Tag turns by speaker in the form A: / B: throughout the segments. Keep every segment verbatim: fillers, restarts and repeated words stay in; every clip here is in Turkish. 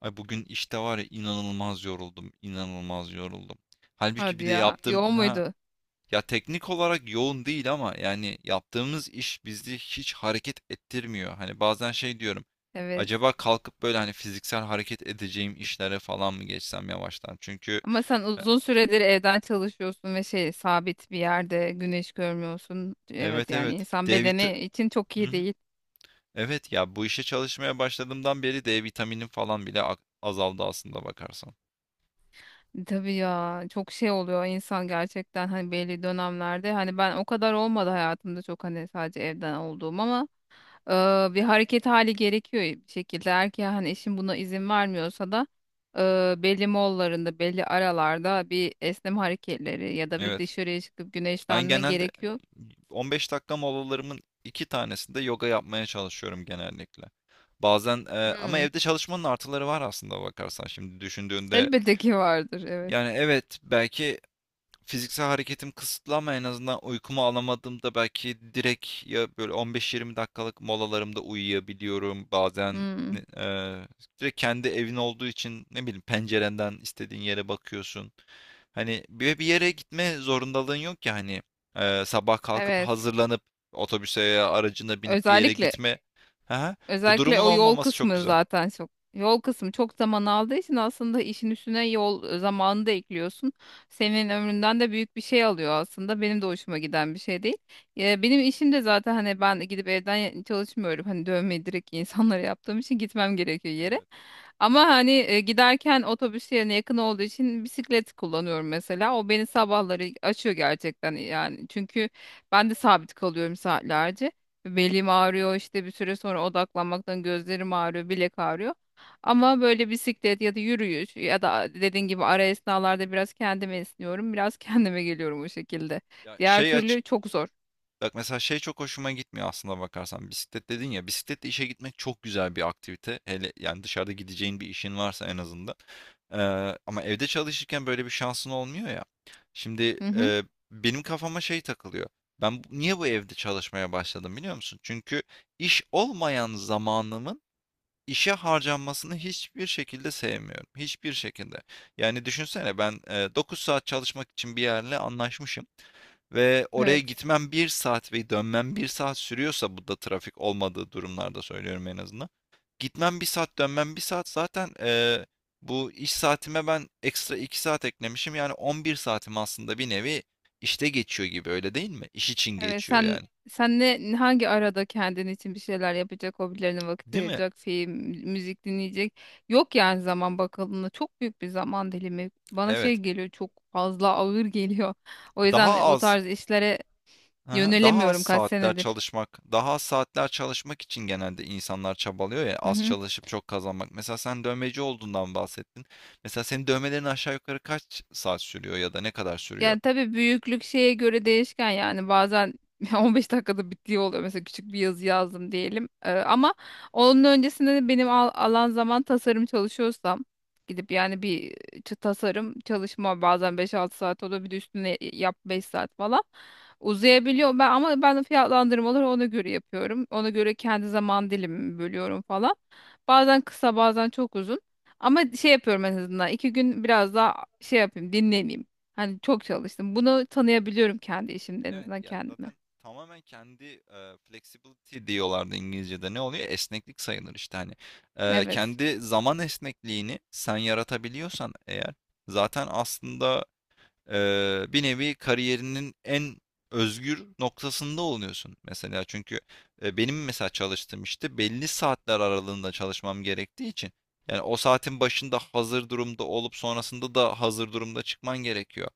A: Ay bugün işte var ya inanılmaz yoruldum, inanılmaz yoruldum. Halbuki
B: Hadi
A: bir de
B: ya.
A: yaptım
B: Yoğun
A: ha.
B: muydu?
A: Ya teknik olarak yoğun değil ama yani yaptığımız iş bizi hiç hareket ettirmiyor. Hani bazen şey diyorum.
B: Evet.
A: Acaba kalkıp böyle hani fiziksel hareket edeceğim işlere falan mı geçsem yavaştan? Çünkü
B: Ama sen
A: e,
B: uzun süredir evden çalışıyorsun ve şey sabit bir yerde güneş görmüyorsun. Evet,
A: evet,
B: yani
A: evet.
B: insan
A: D vit.
B: bedeni için çok
A: Hı
B: iyi
A: hı.
B: değil.
A: Evet ya, bu işe çalışmaya başladığımdan beri D vitaminim falan bile a- azaldı aslında bakarsan.
B: Tabii ya, çok şey oluyor insan gerçekten, hani belli dönemlerde, hani ben o kadar olmadı hayatımda çok, hani sadece evden olduğum ama e, bir hareket hali gerekiyor bir şekilde. Eğer ki hani eşim buna izin vermiyorsa da e, belli mollarında belli aralarda bir esneme hareketleri ya da bir
A: Evet.
B: dışarıya çıkıp
A: Ben
B: güneşlenme
A: genelde
B: gerekiyor.
A: on beş dakika molalarımın iki tanesinde yoga yapmaya çalışıyorum genellikle. Bazen e, ama
B: Hmm.
A: evde çalışmanın artıları var aslında bakarsan şimdi düşündüğünde.
B: Elbette ki vardır, evet.
A: Yani evet, belki fiziksel hareketim kısıtlı ama en azından uykumu alamadığımda belki direkt ya böyle on beş yirmi dakikalık molalarımda uyuyabiliyorum. Bazen
B: Hmm.
A: eee, direkt kendi evin olduğu için ne bileyim pencerenden istediğin yere bakıyorsun. Hani bir, bir yere gitme zorundalığın yok ya hani eee, sabah kalkıp
B: Evet.
A: hazırlanıp otobüse ya aracına binip bir yere
B: Özellikle
A: gitme. Aha, bu
B: Özellikle
A: durumun
B: o yol
A: olmaması çok
B: kısmı
A: güzel.
B: zaten çok, yol kısmı çok zaman aldığı için aslında işin üstüne yol zamanını da ekliyorsun. Senin ömründen de büyük bir şey alıyor aslında. Benim de hoşuma giden bir şey değil. Ya benim işim de zaten hani, ben gidip evden çalışmıyorum. Hani dövmeyi direkt insanlara yaptığım için gitmem gerekiyor yere.
A: Evet.
B: Ama hani e, giderken otobüs yerine yakın olduğu için bisiklet kullanıyorum mesela. O beni sabahları açıyor gerçekten yani. Çünkü ben de sabit kalıyorum saatlerce. Belim ağrıyor işte, bir süre sonra odaklanmaktan gözlerim ağrıyor, bilek ağrıyor. Ama böyle bisiklet ya da yürüyüş ya da dediğin gibi ara esnalarda biraz kendime esniyorum, biraz kendime geliyorum o şekilde.
A: Ya
B: Diğer
A: şey aç
B: türlü çok zor.
A: Bak mesela şey çok hoşuma gitmiyor aslında bakarsan. Bisiklet dedin ya, bisikletle işe gitmek çok güzel bir aktivite. Hele yani dışarıda gideceğin bir işin varsa en azından. Ee, ama evde çalışırken böyle bir şansın olmuyor ya. Şimdi
B: Hı hı.
A: e, benim kafama şey takılıyor. Ben bu- niye bu evde çalışmaya başladım biliyor musun? Çünkü iş olmayan zamanımın işe harcanmasını hiçbir şekilde sevmiyorum. Hiçbir şekilde. Yani düşünsene ben e, dokuz saat çalışmak için bir yerle anlaşmışım. Ve oraya
B: Evet.
A: gitmem bir saat ve dönmem bir saat sürüyorsa bu da trafik olmadığı durumlarda söylüyorum en azından. Gitmem bir saat, dönmem bir saat zaten, eee, bu iş saatime ben ekstra iki saat eklemişim. Yani on bir saatim aslında bir nevi işte geçiyor gibi, öyle değil mi? İş için
B: Evet.
A: geçiyor
B: sen
A: yani.
B: sen ne, hangi arada kendin için bir şeyler yapacak, hobilerine vakit
A: Değil mi?
B: ayıracak, film, müzik dinleyecek? Yok yani, zaman bakıldığında çok büyük bir zaman dilimi. Bana şey
A: Evet.
B: geliyor, çok fazla ağır geliyor. O yüzden
A: Daha
B: bu
A: az
B: tarz işlere
A: Aha, daha az
B: yönelemiyorum kaç
A: saatler
B: senedir.
A: çalışmak, daha az saatler çalışmak için genelde insanlar çabalıyor ya,
B: Hı
A: az
B: hı.
A: çalışıp çok kazanmak. Mesela sen dövmeci olduğundan bahsettin. Mesela senin dövmelerin aşağı yukarı kaç saat sürüyor ya da ne kadar sürüyor?
B: Yani tabii büyüklük şeye göre değişken yani, bazen on beş dakikada bittiği oluyor. Mesela küçük bir yazı yazdım diyelim. Ee, ama onun öncesinde de benim al- alan zaman, tasarım çalışıyorsam gidip yani bir ç- tasarım çalışma bazen beş altı saat oluyor. Bir de üstüne yap beş saat falan. Uzayabiliyor, ben ama ben fiyatlandırmaları ona göre yapıyorum. Ona göre kendi zaman dilimimi bölüyorum falan. Bazen kısa, bazen çok uzun. Ama şey yapıyorum, en azından iki gün biraz daha şey yapayım, dinleneyim. Hani çok çalıştım. Bunu tanıyabiliyorum kendi işimde, en
A: Evet
B: azından
A: ya,
B: kendime.
A: zaten tamamen kendi e, flexibility diyorlardı İngilizce'de, ne oluyor? Esneklik sayılır işte hani. E,
B: Evet.
A: kendi zaman esnekliğini sen yaratabiliyorsan eğer zaten aslında Eee, bir nevi kariyerinin en özgür noktasında oluyorsun mesela. Çünkü e, benim mesela çalıştığım işte belli saatler aralığında çalışmam gerektiği için yani o saatin başında hazır durumda olup sonrasında da hazır durumda çıkman gerekiyor.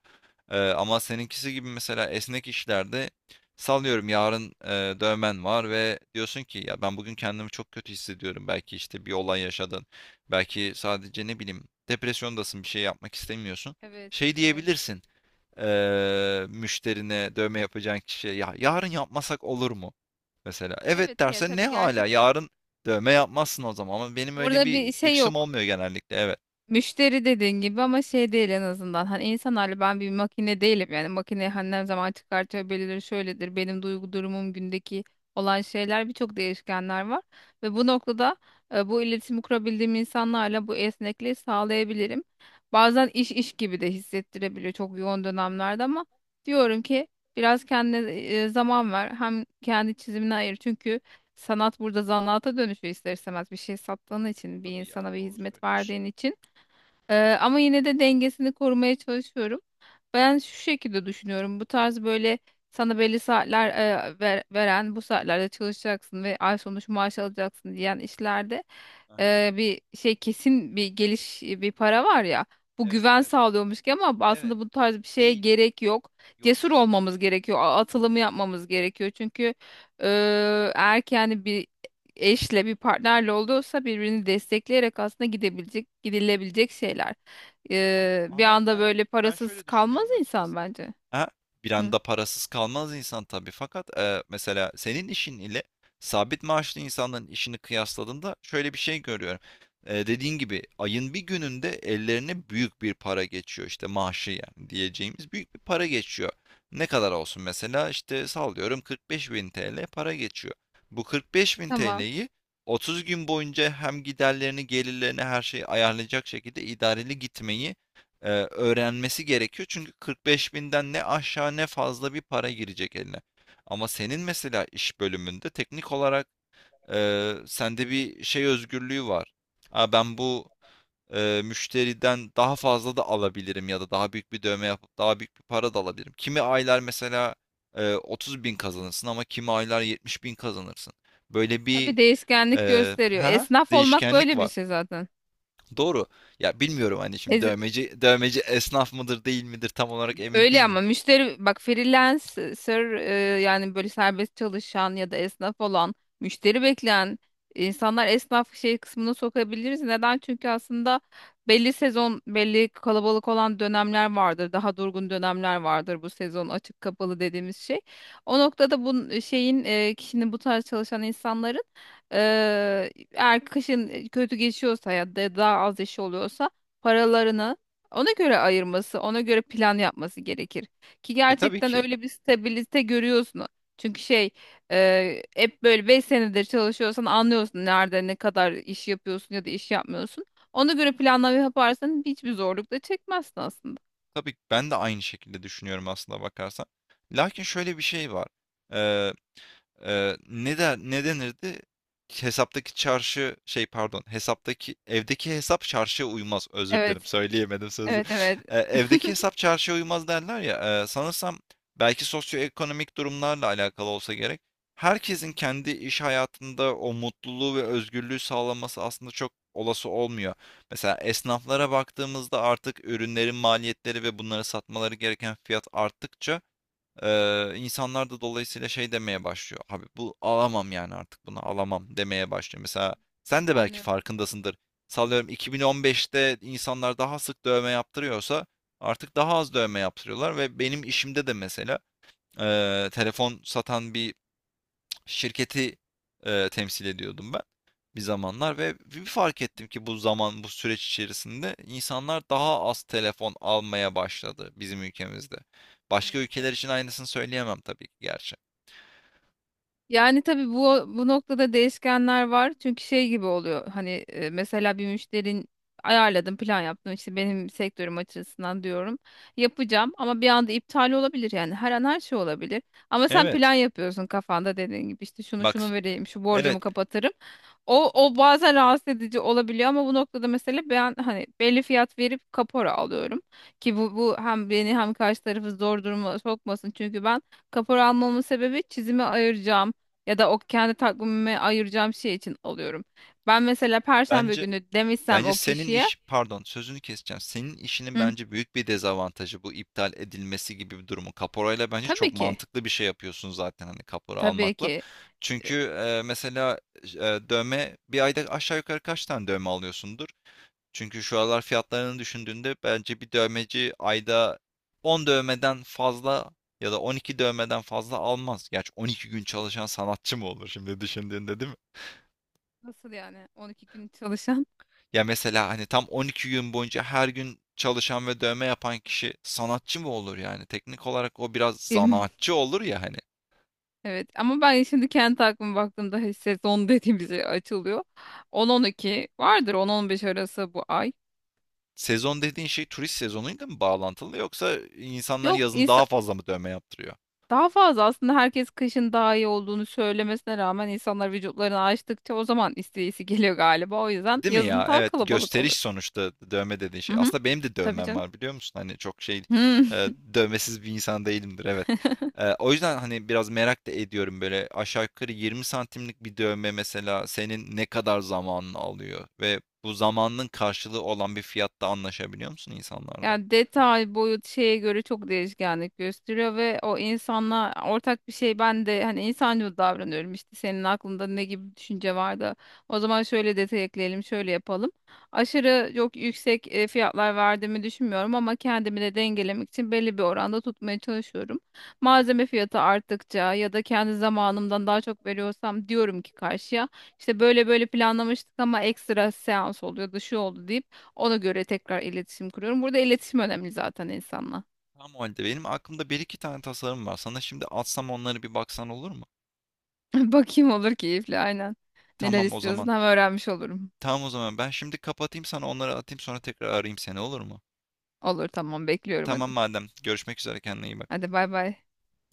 A: Eee, ama seninkisi gibi mesela esnek işlerde sallıyorum yarın e, dövmen var ve diyorsun ki ya ben bugün kendimi çok kötü hissediyorum. Belki işte bir olay yaşadın. Belki sadece ne bileyim depresyondasın, bir şey yapmak istemiyorsun.
B: Evet.
A: Şey
B: Evet.
A: diyebilirsin, eee, müşterine dövme yapacağın kişiye, ya yarın yapmasak olur mu? Mesela evet
B: Evet. Ya,
A: derse ne
B: tabii
A: hala
B: gerçekten.
A: yarın dövme yapmazsın o zaman ama benim öyle
B: Burada
A: bir
B: bir şey
A: lüksüm
B: yok.
A: olmuyor genellikle, evet.
B: Müşteri, dediğin gibi ama şey değil en azından. Hani insanlarla, ben bir makine değilim yani. Makine hani, ne zaman çıkartıyor, belirir, şöyledir. Benim duygu durumum, gündeki olan şeyler, birçok değişkenler var. Ve bu noktada e, bu iletişimi kurabildiğim insanlarla bu esnekliği sağlayabilirim. Bazen iş iş gibi de hissettirebiliyor çok yoğun dönemlerde, ama diyorum ki biraz kendine e, zaman ver. Hem kendi çizimine ayır, çünkü sanat burada zanaata dönüşüyor ister istemez, bir şey sattığın
A: Tabii,
B: için, bir
A: tabii ya,
B: insana bir
A: doğru
B: hizmet
A: söylüyorsun.
B: verdiğin için. Ee, ama yine de dengesini korumaya çalışıyorum. Ben şu şekilde düşünüyorum. Bu tarz böyle sana belli saatler e, ver- veren, bu saatlerde çalışacaksın ve ay sonu şu maaş alacaksın diyen işlerde
A: Aha,
B: e, bir şey, kesin bir geliş, bir para var ya. Bu
A: evet,
B: güven
A: evet,
B: sağlıyormuş ki, ama
A: evet.
B: aslında bu tarz bir şeye
A: Değil.
B: gerek yok.
A: Yok,
B: Cesur
A: kesinlikle
B: olmamız
A: değil.
B: gerekiyor. a-
A: Hı hı.
B: Atılımı yapmamız gerekiyor. Çünkü e, eğer ki yani bir eşle, bir partnerle olduysa birbirini destekleyerek aslında gidebilecek, gidilebilecek şeyler.
A: Ama
B: Ee, bir
A: ama
B: anda
A: ben
B: böyle
A: ben
B: parasız
A: şöyle
B: kalmaz
A: düşünüyorum
B: insan
A: açıkçası.
B: bence.
A: Ha, bir
B: Hı,
A: anda parasız kalmaz insan tabii. Fakat e, mesela senin işin ile sabit maaşlı insanların işini kıyasladığında şöyle bir şey görüyorum. E, dediğin gibi ayın bir gününde ellerine büyük bir para geçiyor. İşte maaşı yani diyeceğimiz büyük bir para geçiyor. Ne kadar olsun mesela işte sallıyorum, kırk beş bin T L para geçiyor. Bu kırk beş bin
B: tamam.
A: T L'yi otuz gün boyunca hem giderlerini, gelirlerini, her şeyi ayarlayacak şekilde idareli gitmeyi e, öğrenmesi gerekiyor. Çünkü kırk beş binden ne aşağı ne fazla bir para girecek eline. Ama senin mesela iş bölümünde teknik olarak e, sende bir şey özgürlüğü var. Ha, ben bu e, müşteriden daha fazla da alabilirim ya da daha büyük bir dövme yapıp daha büyük bir para da alabilirim. Kimi aylar mesela e, otuz bin kazanırsın ama kimi aylar yetmiş bin kazanırsın. Böyle bir
B: Tabii, değişkenlik
A: e,
B: gösteriyor.
A: ha,
B: Esnaf olmak
A: değişkenlik
B: böyle bir
A: var.
B: şey zaten.
A: Doğru. Ya bilmiyorum hani şimdi dövmeci dövmeci esnaf mıdır değil midir tam olarak emin
B: Öyle ama
A: değilim.
B: müşteri, bak freelancer, e, yani böyle serbest çalışan ya da esnaf olan, müşteri bekleyen insanlar esnaf şey kısmına sokabiliriz. Neden? Çünkü aslında belli sezon, belli kalabalık olan dönemler vardır. Daha durgun dönemler vardır, bu sezon açık kapalı dediğimiz şey. O noktada bu şeyin, e, kişinin, bu tarz çalışan insanların, e, eğer kışın kötü geçiyorsa ya da daha az işi oluyorsa, paralarını ona göre ayırması, ona göre plan yapması gerekir. Ki
A: E tabii
B: gerçekten
A: ki.
B: öyle bir stabilite görüyorsun. Çünkü şey, e, hep böyle beş senedir çalışıyorsan anlıyorsun nerede ne kadar iş yapıyorsun ya da iş yapmıyorsun. Ona göre planlama yaparsan hiçbir zorluk da çekmezsin aslında.
A: Tabii ki ben de aynı şekilde düşünüyorum aslında bakarsan. Lakin şöyle bir şey var. Eee, ne der ne denirdi? Hesaptaki çarşı şey pardon, hesaptaki evdeki hesap çarşıya uymaz. Özür dilerim
B: Evet,
A: söyleyemedim sözü.
B: evet, evet.
A: Eee, evdeki hesap çarşıya uymaz derler ya. eee, sanırsam belki sosyoekonomik durumlarla alakalı olsa gerek. Herkesin kendi iş hayatında o mutluluğu ve özgürlüğü sağlaması aslında çok olası olmuyor. Mesela esnaflara baktığımızda artık ürünlerin maliyetleri ve bunları satmaları gereken fiyat arttıkça ee, insanlar da dolayısıyla şey demeye başlıyor. Abi bu alamam yani artık bunu alamam demeye başlıyor. Mesela sen de belki
B: Anlıyorum.
A: farkındasındır. Sallıyorum iki bin on beşte insanlar daha sık dövme yaptırıyorsa artık daha az dövme yaptırıyorlar ve benim işimde de mesela e, telefon satan bir şirketi, eee, temsil ediyordum ben bir zamanlar ve bir fark ettim ki bu zaman, bu süreç içerisinde insanlar daha az telefon almaya başladı bizim ülkemizde. Başka
B: Evet,
A: ülkeler için aynısını söyleyemem tabii ki gerçi.
B: yani tabii bu bu noktada değişkenler var. Çünkü şey gibi oluyor. Hani e, mesela bir müşterin ayarladım, plan yaptım. İşte benim sektörüm açısından diyorum. Yapacağım ama bir anda iptal olabilir yani. Her an her şey olabilir. Ama sen
A: Evet,
B: plan yapıyorsun kafanda dediğin gibi, işte şunu
A: bak,
B: şunu vereyim, şu
A: evet,
B: borcumu kapatırım. O, o bazen rahatsız edici olabiliyor, ama bu noktada mesela ben hani belli fiyat verip kapora alıyorum. Ki bu, bu hem beni hem karşı tarafı zor duruma sokmasın. Çünkü ben, kapora almamın sebebi çizime ayıracağım ya da o kendi takvimime ayıracağım şey için alıyorum. Ben mesela Perşembe
A: bence
B: günü demişsem
A: Bence
B: o
A: senin
B: kişiye.
A: iş, pardon sözünü keseceğim. Senin işinin
B: Hı,
A: bence büyük bir dezavantajı bu iptal edilmesi gibi bir durumu. Kaporayla bence çok
B: tabii ki,
A: mantıklı bir şey yapıyorsun zaten hani kapora
B: tabii
A: almakla.
B: ki. E,
A: Çünkü e, mesela e, dövme bir ayda aşağı yukarı kaç tane dövme alıyorsundur? Çünkü şu aralar fiyatlarını düşündüğünde bence bir dövmeci ayda on dövmeden fazla ya da on iki dövmeden fazla almaz. Gerçi on iki gün çalışan sanatçı mı olur şimdi düşündüğünde değil mi?
B: nasıl yani, on iki gün çalışan?
A: Ya mesela hani tam on iki gün boyunca her gün çalışan ve dövme yapan kişi sanatçı mı olur yani? Teknik olarak o biraz
B: Film.
A: zanaatçı olur ya hani.
B: Evet, ama ben şimdi kendi aklıma baktığımda hani sezon dediğimiz şey açılıyor. on on iki vardır, on on beş arası bu ay.
A: Sezon dediğin şey turist sezonuyla mı bağlantılı yoksa insanlar
B: Yok
A: yazın daha
B: insan,
A: fazla mı dövme yaptırıyor?
B: daha fazla aslında. Herkes kışın daha iyi olduğunu söylemesine rağmen, insanlar vücutlarını açtıkça o zaman isteği geliyor galiba. O yüzden
A: Değil mi
B: yazın
A: ya?
B: daha
A: Evet,
B: kalabalık
A: gösteriş
B: oluyor.
A: sonuçta dövme dediğin
B: Hı
A: şey.
B: hı,
A: Aslında benim de
B: tabii
A: dövmem
B: canım.
A: var biliyor musun? Hani çok şey
B: Hı.
A: e, dövmesiz bir insan değilimdir, evet. E, o yüzden hani biraz merak da ediyorum böyle aşağı yukarı yirmi santimlik bir dövme mesela senin ne kadar zamanını alıyor ve bu zamanın karşılığı olan bir fiyatta anlaşabiliyor musun insanlarla?
B: Yani detay, boyut şeye göre çok değişkenlik gösteriyor ve o insanla ortak bir şey, ben de hani insancıl davranıyorum, işte senin aklında ne gibi bir düşünce var da o zaman şöyle detay ekleyelim, şöyle yapalım. Aşırı çok yüksek e, fiyatlar verdiğimi düşünmüyorum, ama kendimi de dengelemek için belli bir oranda tutmaya çalışıyorum.
A: Hı hı.
B: Malzeme fiyatı arttıkça ya da kendi zamanımdan daha çok veriyorsam diyorum ki karşıya, işte böyle böyle planlamıştık ama ekstra seans oluyordu, şu oldu deyip ona göre tekrar iletişim kuruyorum. Burada iletişim önemli zaten insanla.
A: Tamam o halde benim aklımda bir iki tane tasarım var. Sana şimdi atsam onları bir baksan olur mu?
B: Bakayım, olur, keyifli, aynen. Neler
A: Tamam o
B: istiyorsun,
A: zaman.
B: hem öğrenmiş olurum.
A: Tamam o zaman ben şimdi kapatayım, sana onları atayım, sonra tekrar arayayım seni, olur mu?
B: Olur, tamam, bekliyorum,
A: Tamam
B: hadi.
A: madem. Görüşmek üzere, kendine iyi bak.
B: Hadi, bay bay.